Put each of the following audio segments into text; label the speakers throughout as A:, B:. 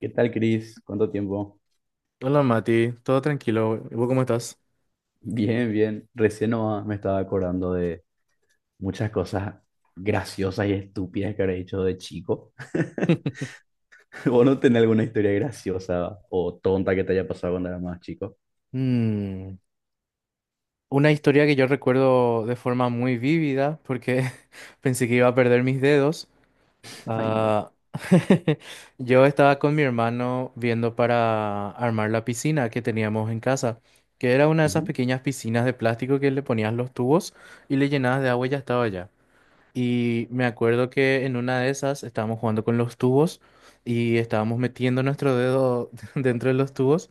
A: ¿Qué tal, Cris? ¿Cuánto tiempo?
B: Hola Mati, todo tranquilo. ¿Y vos cómo estás?
A: Bien, bien. Recién nomás me estaba acordando de muchas cosas graciosas y estúpidas que habré hecho de chico. ¿Vos no tenés alguna historia graciosa o tonta que te haya pasado cuando eras más chico?
B: Mm, una historia que yo recuerdo de forma muy vívida porque pensé que iba a perder mis dedos.
A: Ay, no.
B: Ah, yo estaba con mi hermano viendo para armar la piscina que teníamos en casa, que era una de esas
A: Ujú.
B: pequeñas piscinas de plástico que le ponías los tubos y le llenabas de agua y ya estaba ya. Y me acuerdo que en una de esas estábamos jugando con los tubos y estábamos metiendo nuestro dedo dentro de los tubos.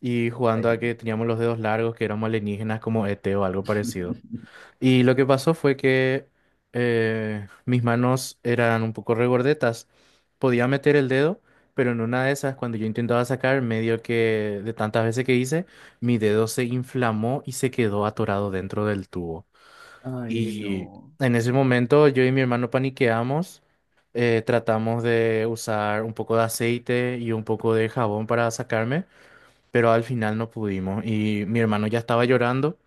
B: Y
A: Ay,
B: jugando a que teníamos los dedos largos, que éramos alienígenas como ET o algo parecido. Y lo que pasó fue que mis manos eran un poco regordetas. Podía meter el dedo, pero en una de esas, cuando yo intentaba sacar, medio que de tantas veces que hice, mi dedo se inflamó y se quedó atorado dentro del tubo.
A: Ay,
B: Y
A: no.
B: en ese momento yo y mi hermano paniqueamos. Tratamos de usar un poco de aceite y un poco de jabón para sacarme, pero al final no pudimos. Y mi hermano ya estaba llorando,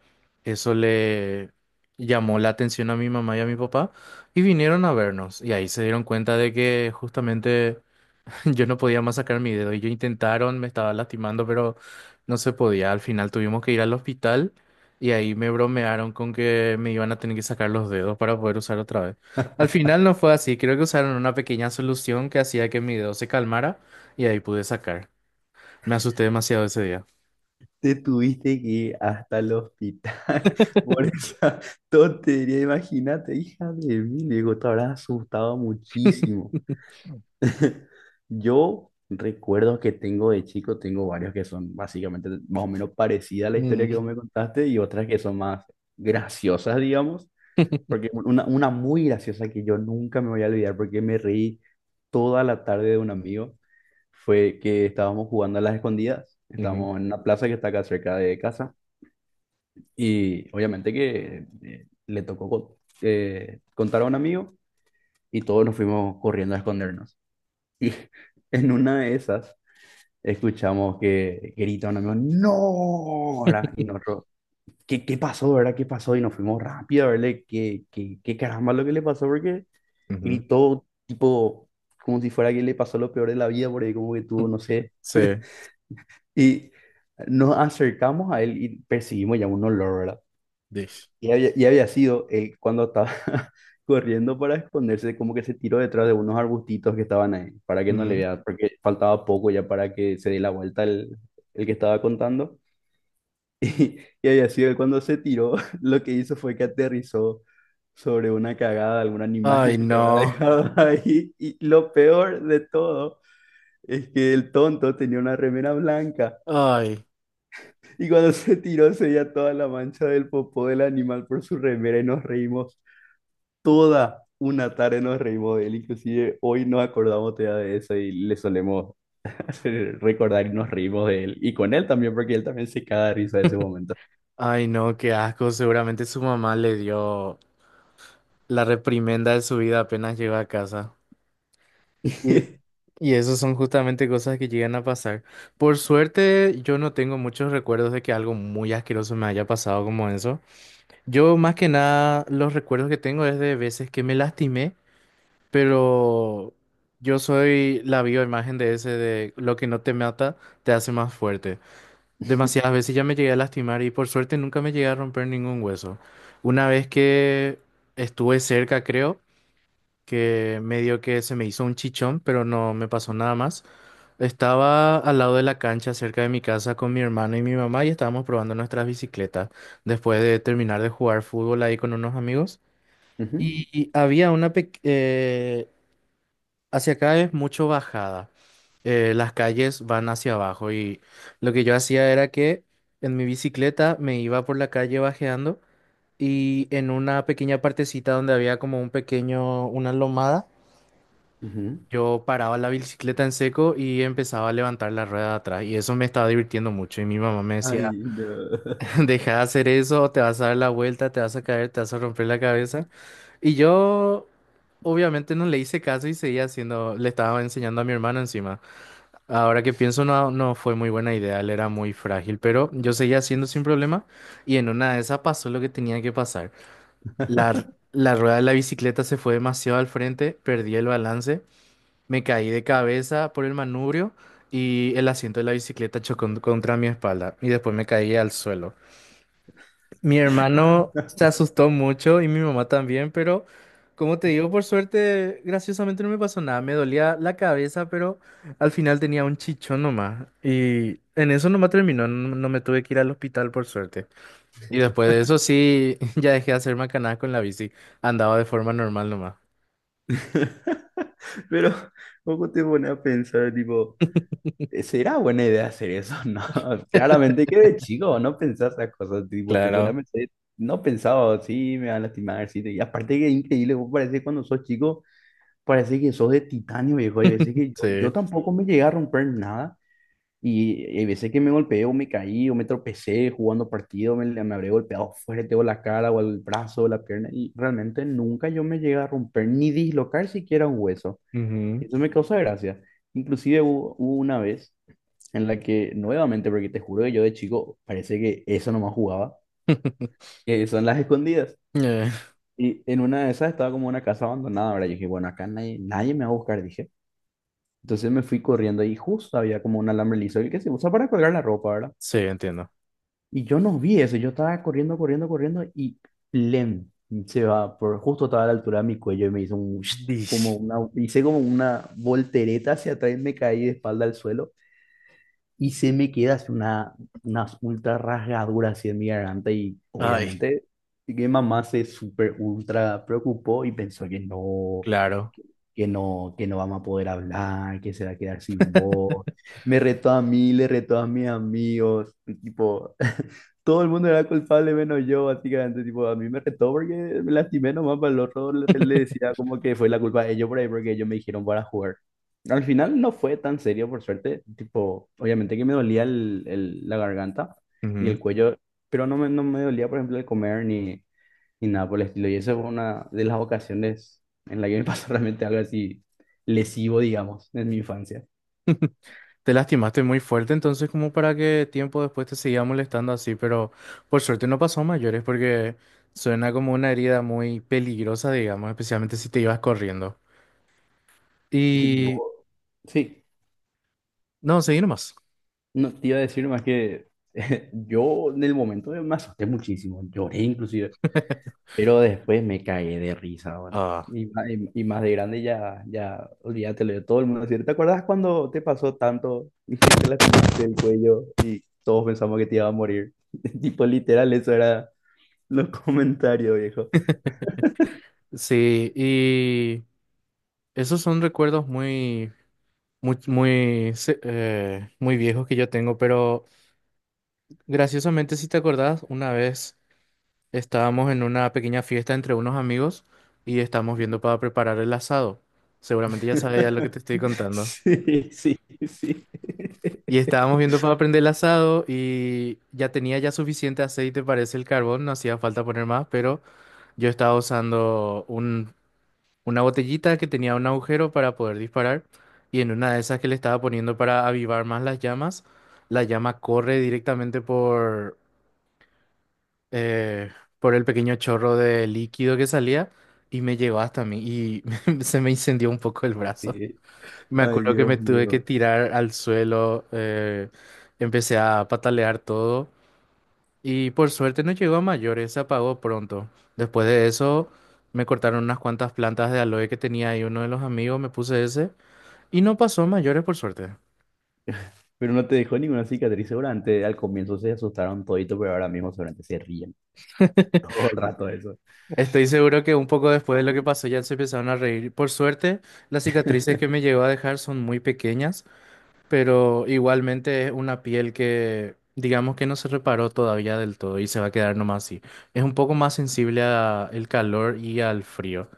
B: eso le llamó la atención a mi mamá y a mi papá, y vinieron a vernos. Y ahí se dieron cuenta de que justamente yo no podía más sacar mi dedo. Y ellos intentaron, me estaba lastimando, pero no se podía. Al final tuvimos que ir al hospital. Y ahí me bromearon con que me iban a tener que sacar los dedos para poder usar otra vez. Al final no fue así, creo que usaron una pequeña solución que hacía que mi dedo se calmara y ahí pude sacar. Me asusté demasiado ese día.
A: Te tuviste que ir hasta el hospital por esa tontería. Imagínate, hija de mí. Le digo, te habrás asustado muchísimo. Yo recuerdo que tengo de chico, tengo varios que son básicamente más o menos parecidas a la historia que vos
B: Mm,
A: me contaste y otras que son más graciosas, digamos, porque una muy graciosa que yo nunca me voy a olvidar porque me reí toda la tarde de un amigo fue que estábamos jugando a las escondidas,
B: ujú,
A: estábamos en una plaza que está acá cerca de casa y obviamente que le tocó contar a un amigo y todos nos fuimos corriendo a escondernos. Y en una de esas escuchamos que grita un amigo, ¡No! ¿Verdad? Y nosotros, ¿qué, qué pasó, verdad? ¿Qué pasó? Y nos fuimos rápido a verle qué, qué, qué caramba lo que le pasó, porque
B: ujú.
A: gritó, tipo, como si fuera que le pasó lo peor de la vida, por ahí como que tuvo, no sé.
B: Sí,
A: Y nos acercamos a él y percibimos ya un olor, ¿verdad?
B: Dish.
A: Y había sido él cuando estaba corriendo para esconderse, como que se tiró detrás de unos arbustitos que estaban ahí, para que no le
B: Ujú.
A: vea, porque faltaba poco ya para que se dé la vuelta el que estaba contando. Y Ayazue cuando se tiró, lo que hizo fue que aterrizó sobre una cagada de algún
B: Ay,
A: animal que
B: no.
A: habrá dejado ahí. Y lo peor de todo es que el tonto tenía una remera blanca.
B: Ay,
A: Y cuando se tiró se veía toda la mancha del popó del animal por su remera y nos reímos toda una tarde, nos reímos de él. Inclusive hoy nos acordamos todavía de eso y le solemos hacer recordar y nos reímos de él. Y con él también, porque él también se caga de risa de ese momento.
B: ay, no, qué asco. Seguramente su mamá le dio la reprimenda de su vida apenas llegó a casa. Y, y eso son justamente cosas que llegan a pasar. Por suerte, yo no tengo muchos recuerdos de que algo muy asqueroso me haya pasado como eso. Yo más que nada, los recuerdos que tengo es de veces que me lastimé. Pero yo soy la bioimagen de ese, de lo que no te mata te hace más fuerte. Demasiadas veces ya me llegué a lastimar y por suerte nunca me llegué a romper ningún hueso. Una vez que estuve cerca, creo, que medio que se me hizo un chichón, pero no me pasó nada más. Estaba al lado de la cancha, cerca de mi casa, con mi hermano y mi mamá y estábamos probando nuestras bicicletas después de terminar de jugar fútbol ahí con unos amigos.
A: Ujú,
B: Y había una pequeña. Hacia acá es mucho bajada. Las calles van hacia abajo y lo que yo hacía era que en mi bicicleta me iba por la calle bajeando y en una pequeña partecita donde había como un pequeño, una lomada,
A: ujú.
B: yo paraba la bicicleta en seco y empezaba a levantar la rueda de atrás y eso me estaba divirtiendo mucho y mi mamá me decía,
A: Ay, no.
B: deja de hacer eso, te vas a dar la vuelta, te vas a caer, te vas a romper la cabeza. Y yo obviamente no le hice caso y seguía haciendo, le estaba enseñando a mi hermano encima. Ahora que pienso, no, no fue muy buena idea, él era muy frágil, pero yo seguía haciendo sin problema y en una de esas pasó lo que tenía que pasar. La, r- la rueda de la bicicleta se fue demasiado al frente, perdí el balance, me caí de cabeza por el manubrio y el asiento de la bicicleta chocó contra mi espalda y después me caí al suelo. Mi hermano se asustó mucho y mi mamá también, pero como te digo, por suerte, graciosamente no me pasó nada. Me dolía la cabeza, pero al final tenía un chichón nomás. Y en eso nomás terminó, no, no me tuve que ir al hospital por suerte. Y después de eso sí, ya dejé de hacer macanadas con la bici. Andaba de forma normal nomás.
A: Pero poco te pone a pensar, tipo, ¿será buena idea hacer eso? No, claramente que de chico no pensás esas cosas, tipo, te pone a
B: Claro.
A: pensar, no pensaba, sí, me van a lastimar, sí, y aparte que es increíble, vos parece cuando sos chico, parece que sos de titanio, viejo, y veces que yo
B: Sí.
A: tampoco me llegué a romper nada. Y hay veces que me golpeo, me caí o me tropecé jugando partido, me habré golpeado fuerte o la cara o el brazo o la pierna y realmente nunca yo me llegué a romper ni dislocar siquiera un hueso.
B: Ujú.
A: Eso me causa gracia. Inclusive hubo una vez en la que nuevamente, porque te juro que yo de chico parece que eso nomás jugaba, que son las escondidas.
B: Eh,
A: Y en una de esas estaba como una casa abandonada, ¿verdad? Yo dije, bueno, acá nadie, nadie me va a buscar, dije. Entonces me fui corriendo y justo había como un alambre liso, el que se usa para colgar la ropa, ¿verdad?
B: sí, entiendo.
A: Y yo no vi eso, yo estaba corriendo, corriendo, corriendo y lem, se va, por, justo estaba a la altura de mi cuello y me hizo un, como
B: Dish.
A: una, hice como una voltereta hacia atrás y me caí de espalda al suelo y se me queda así una ultra rasgadura así en mi garganta y
B: Ay,
A: obviamente mi mamá se super ultra preocupó y pensó que no,
B: claro.
A: que no vamos a poder hablar, que se va a quedar sin voz. Me retó a mí, le retó a mis amigos, tipo todo el mundo era culpable menos yo, básicamente, tipo, a mí me retó porque me lastimé nomás, para el otro le, le decía como que fue la culpa de ellos por ahí, porque ellos me dijeron para jugar. Al final no fue tan serio, por suerte, tipo, obviamente que me dolía el- la garganta y
B: Ujú.
A: el cuello, pero no me, no me dolía, por ejemplo, el comer ni, ni nada por el estilo, y esa fue una de las ocasiones en la que me pasó realmente algo así lesivo, digamos, en mi infancia.
B: Te lastimaste muy fuerte, entonces como para que tiempo después te seguía molestando así, pero por suerte no pasó a mayores porque suena como una herida muy peligrosa, digamos, especialmente si te ibas corriendo.
A: Yo,
B: Y
A: sí.
B: no, seguí nomás.
A: No te iba a decir más que yo en el momento me asusté muchísimo, lloré inclusive, pero después me cagué de risa, bueno.
B: Ah,
A: Y, y más de grande ya, ya, olvídate lo de todo el mundo. Decía, ¿te acuerdas cuando te pasó tanto y que te lastimaste el cuello y todos pensamos que te iba a morir? Tipo, literal, eso era los comentarios, viejo.
B: sí, y esos son recuerdos muy, muy, muy, muy viejos que yo tengo, pero graciosamente si te acordás, una vez estábamos en una pequeña fiesta entre unos amigos y estábamos viendo para preparar el asado. Seguramente ya sabes ya lo que te estoy contando.
A: Sí, sí, sí.
B: Y estábamos viendo para prender el asado y ya tenía ya suficiente aceite, parece el carbón, no hacía falta poner más, pero yo estaba usando un, una botellita que tenía un agujero para poder disparar y en una de esas que le estaba poniendo para avivar más las llamas, la llama corre directamente eh, por el pequeño chorro de líquido que salía y me llegó hasta mí y se me incendió un poco el brazo.
A: Sí.
B: Me
A: Ay,
B: acuerdo que me
A: Dios
B: tuve que
A: mío.
B: tirar al suelo, empecé a patalear todo y por suerte no llegó a mayores, se apagó pronto. Después de eso me cortaron unas cuantas plantas de aloe que tenía ahí uno de los amigos, me puse ese y no pasó a mayores por suerte.
A: Pero no te dejó ninguna cicatriz, seguramente al comienzo se asustaron todito, pero ahora mismo seguramente se ríen todo el rato de eso.
B: Estoy seguro que un poco después de lo que pasó ya se empezaron a reír. Por suerte, las cicatrices que me llegó a dejar son muy pequeñas. Pero igualmente es una piel que, digamos que no se reparó todavía del todo y se va a quedar nomás así. Es un poco más sensible al calor y al frío.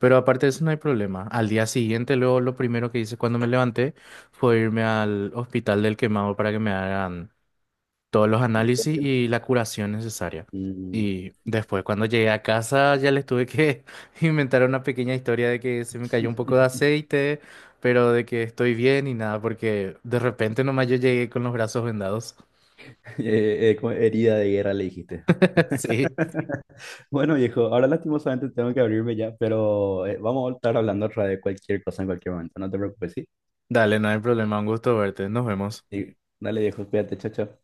B: Pero aparte de eso no hay problema. Al día siguiente, luego lo primero que hice cuando me levanté fue irme al hospital del quemado para que me hagan todos los análisis y la curación necesaria.
A: Mm.
B: Y después, cuando llegué a casa, ya les tuve que inventar una pequeña historia de que se me cayó un poco de aceite, pero de que estoy bien y nada, porque de repente nomás yo llegué con los brazos vendados.
A: Como herida de guerra le dijiste.
B: Sí,
A: Bueno, viejo, ahora lastimosamente tengo que abrirme ya, pero vamos a estar hablando otra de cualquier cosa en cualquier momento, no te preocupes, ¿sí?
B: dale, no hay problema, un gusto verte, nos vemos.
A: Sí. Dale, viejo, cuídate, chao, chao.